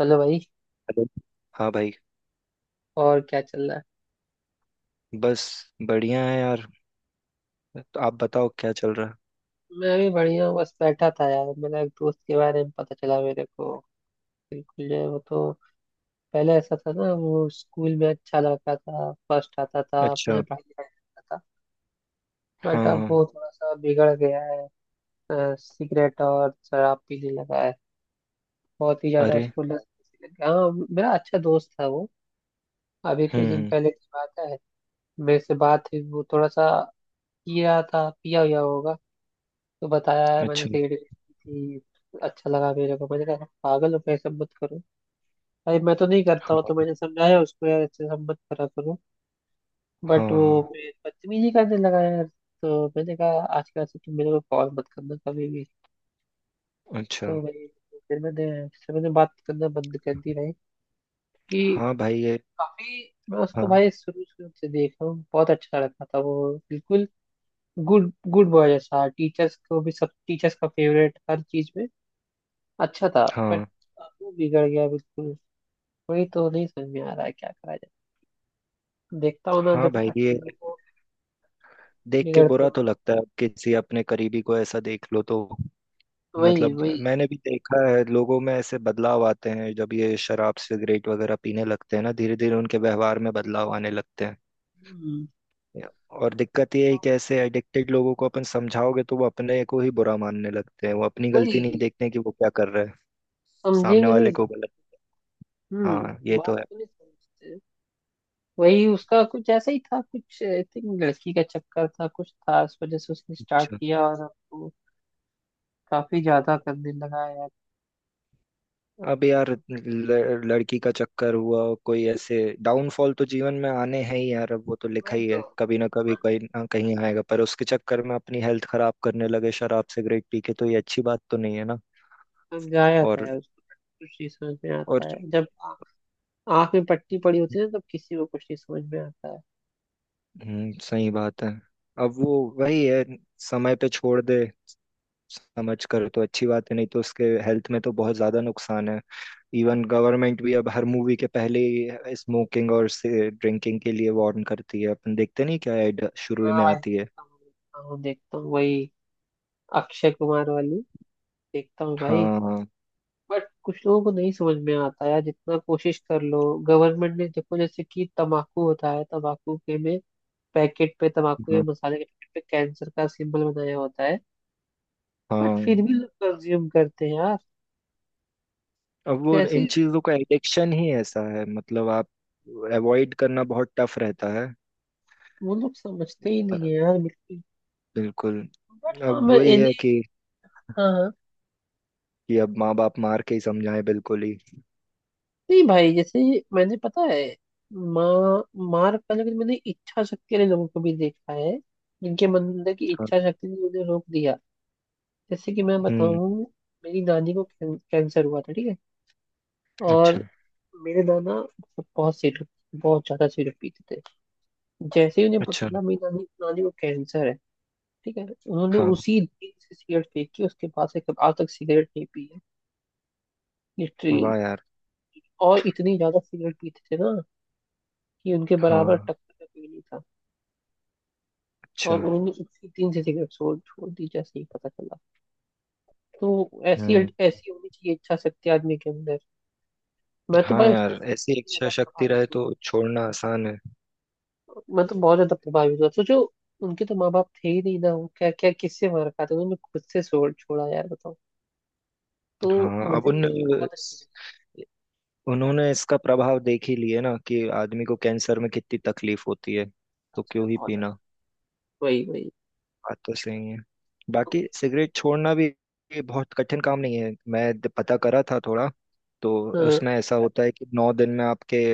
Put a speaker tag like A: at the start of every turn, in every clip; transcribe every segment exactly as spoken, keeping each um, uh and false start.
A: Hello भाई।
B: Hello. हाँ भाई।
A: और क्या चल रहा है।
B: बस। बढ़िया है यार। तो आप बताओ क्या चल रहा है।
A: मैं भी बढ़िया हूँ, बस बैठा था यार, मेरा एक दोस्त के बारे में पता चला मेरे को। बिल्कुल जो है वो तो पहले ऐसा था ना, वो स्कूल में अच्छा लड़का था, फर्स्ट आता था, अपने
B: अच्छा।
A: यहाँ पढ़ाई लिखाई करता था। बट
B: हाँ
A: अब
B: हाँ।
A: वो थोड़ा सा बिगड़ गया है। अ, सिगरेट और शराब पीने लगा है। बहुत ही ज्यादा
B: अरे।
A: उसको लत लग गया। हाँ, मेरा अच्छा दोस्त था वो। अभी कुछ
B: हम्म
A: दिन
B: हम्म।
A: पहले की बात है, मेरे से बात हुई, वो थोड़ा सा पिया था, पिया हुआ होगा। तो बताया, यार मैंने
B: अच्छा।
A: सिगरेट पी थी, अच्छा लगा मेरे को। मैंने कहा पागल हो गए, सब मत करो भाई, मैं तो नहीं करता हूँ। तो
B: हाँ
A: मैंने समझाया उसको, यार अच्छे सब मत करा करो। बट वो
B: हाँ।
A: फिर बदतमीजी करने लगा यार। तो मैंने कहा आजकल से तुम मेरे को कॉल मत करना कभी भी।
B: अच्छा।
A: तो भाई फिर मैंने फिर मैंने बात करना बंद कर दी भाई, कि
B: हाँ भाई ये।
A: काफी। मैं उसको
B: हाँ
A: भाई शुरू शुरू से देख रहा हूँ, बहुत अच्छा लगता था वो। बिल्कुल गुड गुड बॉय जैसा, टीचर्स को भी, सब टीचर्स का फेवरेट, हर चीज में अच्छा था। बट
B: हाँ।
A: अब वो बिगड़ गया बिल्कुल। वही तो नहीं समझ में आ रहा है क्या करा जाए। देखता हूँ ना
B: हाँ
A: जब
B: भाई ये
A: अच्छे लोगों को
B: देख के
A: बिगड़ते
B: बुरा
A: हुए।
B: तो लगता है, किसी अपने करीबी को ऐसा देख लो तो।
A: वही
B: मतलब
A: वही।
B: मैंने भी देखा है, लोगों में ऐसे बदलाव आते हैं जब ये शराब सिगरेट वगैरह पीने लगते हैं ना, धीरे धीरे उनके व्यवहार में बदलाव आने लगते हैं।
A: हम्म,
B: और दिक्कत ये है कि ऐसे एडिक्टेड लोगों को अपन समझाओगे तो वो अपने को ही बुरा मानने लगते हैं, वो अपनी गलती नहीं
A: वही
B: देखते कि वो क्या कर रहे हैं। सामने
A: समझेंगे नहीं
B: वाले को
A: बात।
B: गलत। हाँ
A: हम्म।
B: ये तो
A: बात
B: है।
A: को नहीं समझते। वही उसका कुछ ऐसा ही था, कुछ आई थिंक लड़की का चक्कर था, कुछ था, उस वजह से उसने स्टार्ट
B: अच्छा।
A: किया और अब वो काफी ज्यादा करने लगा है यार।
B: अब यार ल- लड़की का चक्कर हुआ, कोई ऐसे डाउनफॉल तो जीवन में आने हैं ही यार। अब वो तो लिखा
A: वही
B: ही
A: तो,
B: है, कभी ना कभी कहीं ना कहीं आएगा। पर उसके चक्कर में अपनी हेल्थ खराब करने लगे, शराब सिगरेट पी के, तो ये अच्छी बात तो नहीं है ना।
A: समझाया था
B: और
A: यार उसको, कुछ नहीं समझ में
B: और
A: आता है। जब आंख में पट्टी पड़ी होती है ना, तब किसी को कुछ नहीं समझ में आता है।
B: हम्म, सही बात है। अब वो वही है। समय पे छोड़ दे समझ कर तो अच्छी बात है, नहीं तो उसके हेल्थ में तो बहुत ज्यादा नुकसान है। इवन गवर्नमेंट भी अब हर मूवी के पहले ही स्मोकिंग और से ड्रिंकिंग के लिए वार्न करती है। अपन देखते नहीं क्या, ऐड शुरू ही
A: हाँ
B: में
A: भाई,
B: आती है।
A: देखता हूँ देखता हूँ देखता हूँ। वही अक्षय कुमार वाली, देखता हूँ भाई।
B: हाँ।
A: बट कुछ लोगों को नहीं समझ में आता यार, जितना कोशिश कर लो। गवर्नमेंट ने देखो, जैसे कि तम्बाकू होता है, तम्बाकू के में पैकेट पे, तम्बाकू के
B: हाँ।
A: मसाले के पैकेट पे कैंसर का सिंबल बनाया होता है, बट फिर
B: हाँ।
A: भी लोग कंज्यूम करते हैं यार।
B: अब वो
A: कैसे।
B: इन चीजों का एडिक्शन ही ऐसा है, मतलब आप अवॉइड करना बहुत टफ रहता है।
A: वो लोग समझते ही
B: अ,
A: नहीं है यार, बिल्कुल।
B: बिल्कुल।
A: बट हाँ
B: अब
A: मैं
B: वही है
A: इन्हें।
B: कि
A: हाँ हाँ।
B: कि अब माँ बाप मार के ही समझाएं, बिल्कुल ही।
A: नहीं भाई जैसे, मैंने पता है, माँ मार का, लेकिन मैंने इच्छा शक्ति वाले लोगों को भी देखा है, जिनके मन- अंदर की
B: हाँ।
A: इच्छा शक्ति ने उन्हें रोक दिया। जैसे कि मैं
B: हम्म।
A: बताऊं, मेरी नानी को कैं, कैंसर हुआ था, ठीक है।
B: अच्छा।
A: और मेरे नाना मतलब बहुत सिरप, बहुत ज्यादा सिरप पीते थे। जैसे ही उन्हें पता
B: अच्छा।
A: चला मेरी नानी नानी को कैंसर है, ठीक है, उन्होंने
B: हाँ।
A: उसी दिन से सिगरेट फेंकी, उसके बाद से कब आज तक सिगरेट नहीं पी है, लिटरली।
B: वाह यार।
A: और इतनी ज्यादा सिगरेट पीते थे ना, कि उनके बराबर
B: हाँ।
A: टक्कर का कोई नहीं था।
B: अच्छा।
A: और उन्होंने उसी दिन से सिगरेट छोड़ छोड़ दी, जैसे ही पता चला। तो ऐसी
B: हम्म।
A: ऐसी होनी चाहिए इच्छा शक्ति आदमी के अंदर। मैं तो
B: हाँ
A: भाई उस
B: यार,
A: चीज से
B: ऐसी
A: बहुत
B: इच्छा
A: ज्यादा
B: शक्ति
A: प्रभावित
B: रहे
A: हूँ।
B: तो छोड़ना आसान है।
A: मैं तो बहुत ज्यादा प्रभावित हुआ, सोचो उनके तो माँ बाप थे ही नहीं ना, वो क्या क्या किससे मार खाते, उन्होंने खुद से छोड़ छोड़ा यार, बताओ। तो
B: हाँ अब
A: मुझे वो
B: उन
A: चीज बहुत अच्छी लगी,
B: उन्होंने इसका प्रभाव देख ही लिए ना, कि आदमी को कैंसर में कितनी तकलीफ होती है। तो
A: सच में
B: क्यों ही
A: बहुत ज्यादा।
B: पीना।
A: वही वही।
B: बात तो सही है।
A: तो,
B: बाकी सिगरेट छोड़ना भी ये बहुत कठिन काम नहीं है। मैं द- पता करा था थोड़ा। तो
A: हाँ,
B: उसमें ऐसा होता है कि नौ दिन में आपके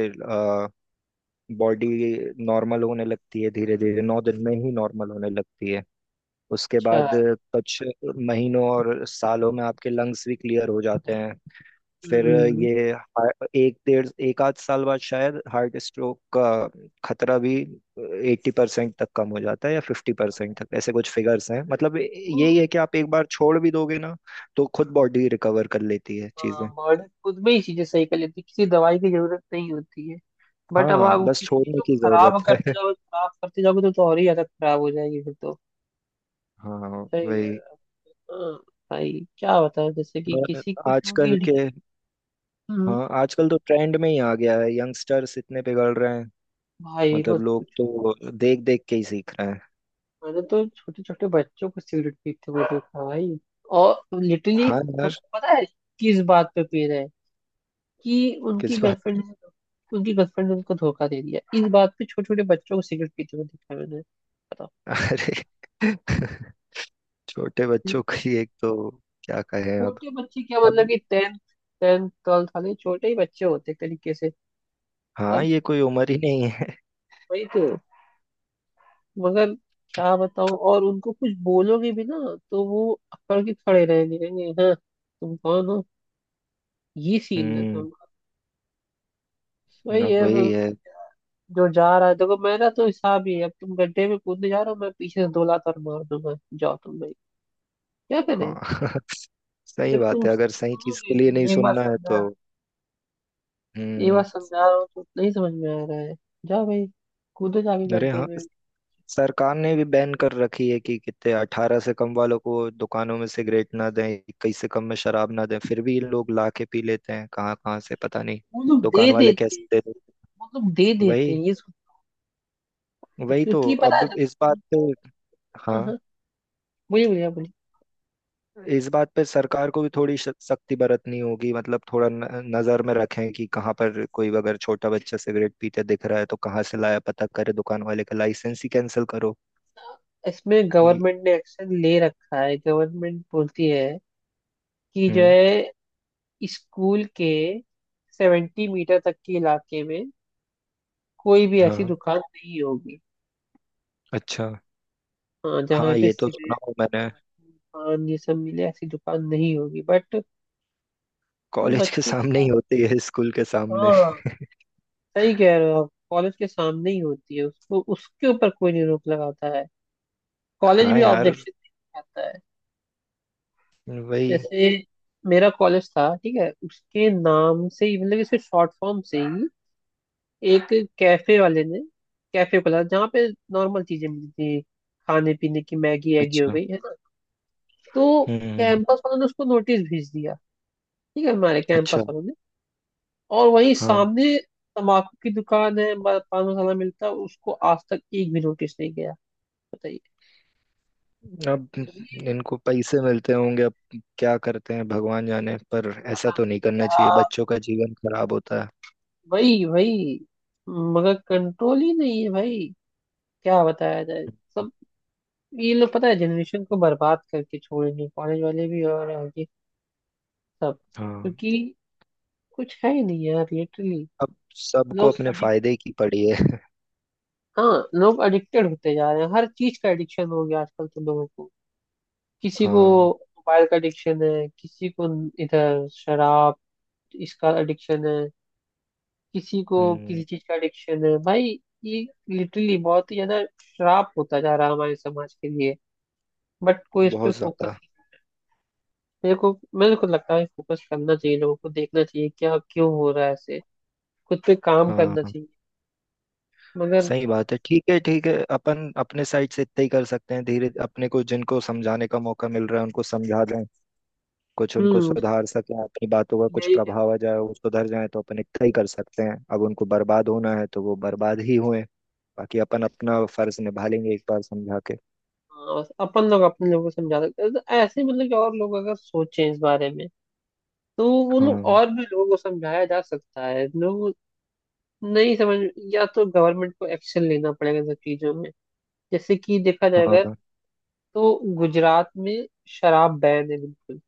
B: बॉडी नॉर्मल होने लगती है, धीरे धीरे नौ दिन में ही नॉर्मल होने लगती है। उसके बाद
A: अच्छा।
B: कुछ महीनों और सालों में आपके लंग्स भी क्लियर हो जाते हैं। फिर
A: हम्म,
B: ये हा- एक डेढ़ एक आध साल बाद शायद हार्ट स्ट्रोक का खतरा भी एट्टी परसेंट तक कम हो जाता है, या फिफ्टी परसेंट तक, ऐसे कुछ फिगर्स हैं। मतलब
A: तो
B: यही है कि आप एक बार छोड़ भी दोगे ना तो खुद बॉडी रिकवर कर लेती है चीजें।
A: हाँ, बॉडी खुद में ही चीजें सही कर लेती है, किसी दवाई की जरूरत नहीं होती है। बट अब
B: हाँ,
A: आप
B: बस
A: किसी चीज
B: छोड़ने
A: को
B: की
A: खराब
B: जरूरत है।
A: करते जाओगे, खराब करते जाओगे तो, तो और ही आदत खराब हो जाएगी फिर तो।
B: हाँ
A: सही है।
B: वही।
A: हाँ, भाई क्या बताएं, जैसे कि
B: और
A: किसी कुछ लोग
B: आजकल
A: की
B: के।
A: एडिक्शन,
B: हाँ आजकल तो ट्रेंड में ही आ गया है, यंगस्टर्स इतने पिघल रहे हैं।
A: भाई
B: मतलब
A: बस
B: लोग
A: कुछ।
B: तो देख देख के ही सीख रहे हैं।
A: मैंने तो छोटे छोटे बच्चों को सिगरेट पीते हुए देखा भाई, और लिटरली
B: हाँ यार।
A: पता है किस बात पे पी रहे हैं, कि उनकी
B: किस बात।
A: गर्लफ्रेंड ने उनकी गर्लफ्रेंड ने उनको धोखा दे दिया, इस बात पे छोटे छोटे बच्चों को सिगरेट पीते हुए देखा है मैंने, बताओ।
B: अरे। छोटे बच्चों की एक तो, क्या कहे अब।
A: छोटे बच्चे क्या,
B: अब।
A: मतलब कि टेंथ टेंथ ट्वेल्थ वाले, छोटे ही बच्चे होते एक तरीके से।
B: हाँ
A: अब
B: ये कोई उम्र ही नहीं है।
A: वही तो, मगर क्या बताऊं। और उनको कुछ बोलोगे भी ना, तो वो अकड़ के खड़े रहेंगे, कहेंगे हाँ तुम कौन हो। ये सीन रहता है
B: हम्म।
A: उनका। वही
B: अब
A: है
B: वही
A: बस।
B: है।
A: जो जा रहा है देखो, मेरा तो हिसाब ही है, अब तुम गड्ढे में कूदने जा रहे हो, मैं पीछे से दो लात और मार दूंगा, जाओ तुम भाई, क्या
B: हाँ।
A: करें।
B: सही
A: जब
B: बात
A: तुम
B: है, अगर सही चीज
A: सुनोगे
B: के लिए नहीं
A: नहीं, एक बार
B: सुनना है
A: समझा
B: तो।
A: एक बार
B: हम्म।
A: समझा रहा हूँ तो नहीं समझ में आ रहा है, जाओ भाई, कूदो जाके
B: अरे
A: गड्ढे
B: हाँ।
A: में।
B: सरकार ने भी बैन कर रखी है कि कितने अठारह से कम वालों को दुकानों में सिगरेट ना दें, इक्कीस से कम में शराब ना दें, फिर भी लोग ला के पी लेते हैं कहाँ कहाँ से पता नहीं।
A: वो लोग
B: दुकान
A: दे
B: वाले
A: देते
B: कैसे
A: हैं
B: दे दें।
A: वो लोग दे देते हैं।
B: वही।
A: ये सु-
B: वही तो।
A: क्योंकि पता है
B: अब इस
A: देखो,
B: बात पे,
A: उनको।
B: हाँ,
A: हाँ हाँ, बोलिए बोलिए, आप बोलिए।
B: इस बात पे सरकार को भी थोड़ी श- सख्ती बरतनी होगी। मतलब थोड़ा न, नजर में रखें कि कहाँ पर कोई अगर छोटा बच्चा सिगरेट पीते दिख रहा है तो कहाँ से लाया पता करे, दुकान वाले का लाइसेंस ही कैंसिल करो।
A: इसमें
B: ये-
A: गवर्नमेंट ने एक्शन ले रखा है, गवर्नमेंट बोलती है कि जो
B: हम्म।
A: है, स्कूल के सेवेंटी मीटर तक के इलाके में कोई भी ऐसी
B: हाँ।
A: दुकान नहीं होगी,
B: अच्छा।
A: हाँ जहाँ
B: हाँ
A: पे
B: ये तो
A: सिगरेट
B: सुना हूँ मैंने।
A: तम्बाकू पान ये सब मिले, ऐसी दुकान नहीं होगी। बट वो
B: कॉलेज के
A: बच्चे
B: सामने ही
A: का-
B: होती है, स्कूल के सामने।
A: हाँ, सही कह रहे हो आप, कॉलेज के सामने ही होती है, उसको उसके ऊपर कोई नहीं रोक लगाता है, कॉलेज
B: हाँ
A: भी
B: यार।
A: ऑब्जेक्शन आता है।
B: वही।
A: जैसे मेरा कॉलेज था, ठीक है, उसके नाम से ही, मतलब इसके शॉर्ट फॉर्म से ही, एक कैफे वाले ने कैफे खोला जहाँ पे नॉर्मल चीजें मिलती थी, खाने पीने की, मैगी एगी हो
B: अच्छा।
A: गई है ना। तो
B: हम्म।
A: कैंपस वालों ने उसको नोटिस भेज दिया, ठीक है, हमारे
B: अच्छा।
A: कैंपस वालों ने। और वहीं
B: हाँ।
A: सामने तम्बाकू की दुकान है, ब- पान मसाला मिलता है, उसको आज तक एक भी नोटिस नहीं गया, बताइए।
B: अब
A: ये
B: इनको पैसे मिलते होंगे अब। क्या करते हैं भगवान जाने, पर ऐसा
A: पता
B: तो
A: नहीं
B: नहीं करना चाहिए,
A: क्या।
B: बच्चों का जीवन खराब होता है।
A: वही वही, मगर कंट्रोल ही नहीं है भाई, क्या बताया जाए। सब ये लोग पता है जनरेशन को बर्बाद करके छोड़ेंगे, कॉलेज वाले भी और आगे सब,
B: हाँ।
A: क्योंकि कुछ है ही नहीं यार, लिटरली।
B: अब सबको
A: लोग
B: अपने
A: अडिक्ट,
B: फायदे की पड़ी है।
A: हाँ लोग एडिक्टेड होते जा रहे हैं, हर चीज का एडिक्शन हो गया आजकल तो लोगों को। किसी को
B: हाँ।
A: मोबाइल का एडिक्शन है, किसी को इधर शराब इसका एडिक्शन है, किसी को, किसी
B: हम्म।
A: चीज का एडिक्शन है भाई। ये लिटरली बहुत ही ज्यादा श्राप होता जा रहा है हमारे समाज के लिए, बट कोई इस पे
B: बहुत ज्यादा।
A: फोकस नहीं। मेरे को मेरे को लगता है फोकस करना चाहिए, लोगों को देखना चाहिए क्या क्यों हो रहा है ऐसे, खुद पे काम करना
B: हाँ
A: चाहिए, मगर।
B: सही बात है। ठीक है, ठीक है, अपन अपने साइड से इतना ही कर सकते हैं। धीरे अपने को जिनको समझाने का मौका मिल रहा है उनको समझा दें, कुछ उनको
A: हम्म, बस
B: सुधार सकें, अपनी बातों का कुछ
A: यही कह सकते
B: प्रभाव आ जाए, वो सुधर जाए तो। अपन इतना ही कर सकते हैं, अब उनको बर्बाद होना है तो वो बर्बाद ही हुए। बाकी अपन अपना फर्ज निभा लेंगे एक बार समझा के।
A: हैं। हाँ, बस अपन लोग अपने लोगों को समझा सकते हैं, तो ऐसे मतलब कि और लोग अगर सोचें इस बारे में, तो वो लोग
B: हाँ।
A: और भी लोगों को समझाया जा सकता है। लोग नहीं समझ, या तो गवर्नमेंट को एक्शन लेना पड़ेगा इन सब चीजों में। जैसे कि देखा जाएगा
B: हाँ।
A: तो गुजरात में शराब बैन है बिल्कुल,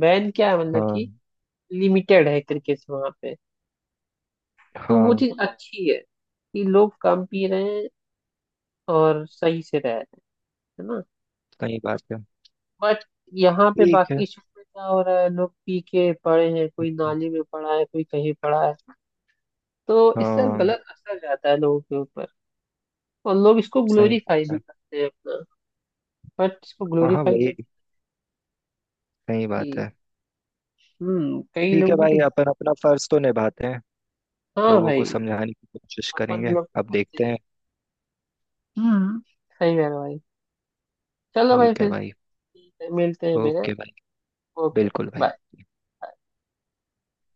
A: बैन क्या है मतलब
B: हाँ।
A: कि लिमिटेड है क्रिकेट से वहां पे। तो वो
B: हाँ
A: चीज हम्म अच्छी है कि लोग कम पी रहे हैं और सही से रह रहे हैं, है ना।
B: सही बात है।
A: बट यहाँ पे
B: ठीक है।
A: बाकी शहर में क्या हो रहा है, लोग पी के पड़े हैं, कोई
B: हम्म,
A: नाली में पड़ा है, कोई कहीं पड़ा है। तो इससे
B: हाँ
A: गलत असर जाता है लोगों के ऊपर, और लोग इसको
B: सही
A: ग्लोरीफाई
B: बात
A: भी
B: है।
A: करते हैं अपना, बट इसको
B: हाँ हाँ
A: ग्लोरीफाई
B: वही।
A: नहीं।
B: सही
A: कि
B: बात है।
A: हम्म कई
B: ठीक है
A: लोगों की तो,
B: भाई, अपन अपना फर्ज तो निभाते हैं।
A: हाँ
B: लोगों को
A: भाई
B: समझाने की कोशिश
A: अपन
B: करेंगे,
A: लोग तो
B: अब
A: करते
B: देखते
A: हैं।
B: हैं।
A: हम्म, सही कह रहे हो भाई। चलो भाई
B: ठीक है
A: फिर
B: भाई।
A: मिलते हैं फिर।
B: ओके भाई।
A: ओके
B: बिल्कुल
A: ओके
B: भाई।
A: बाय।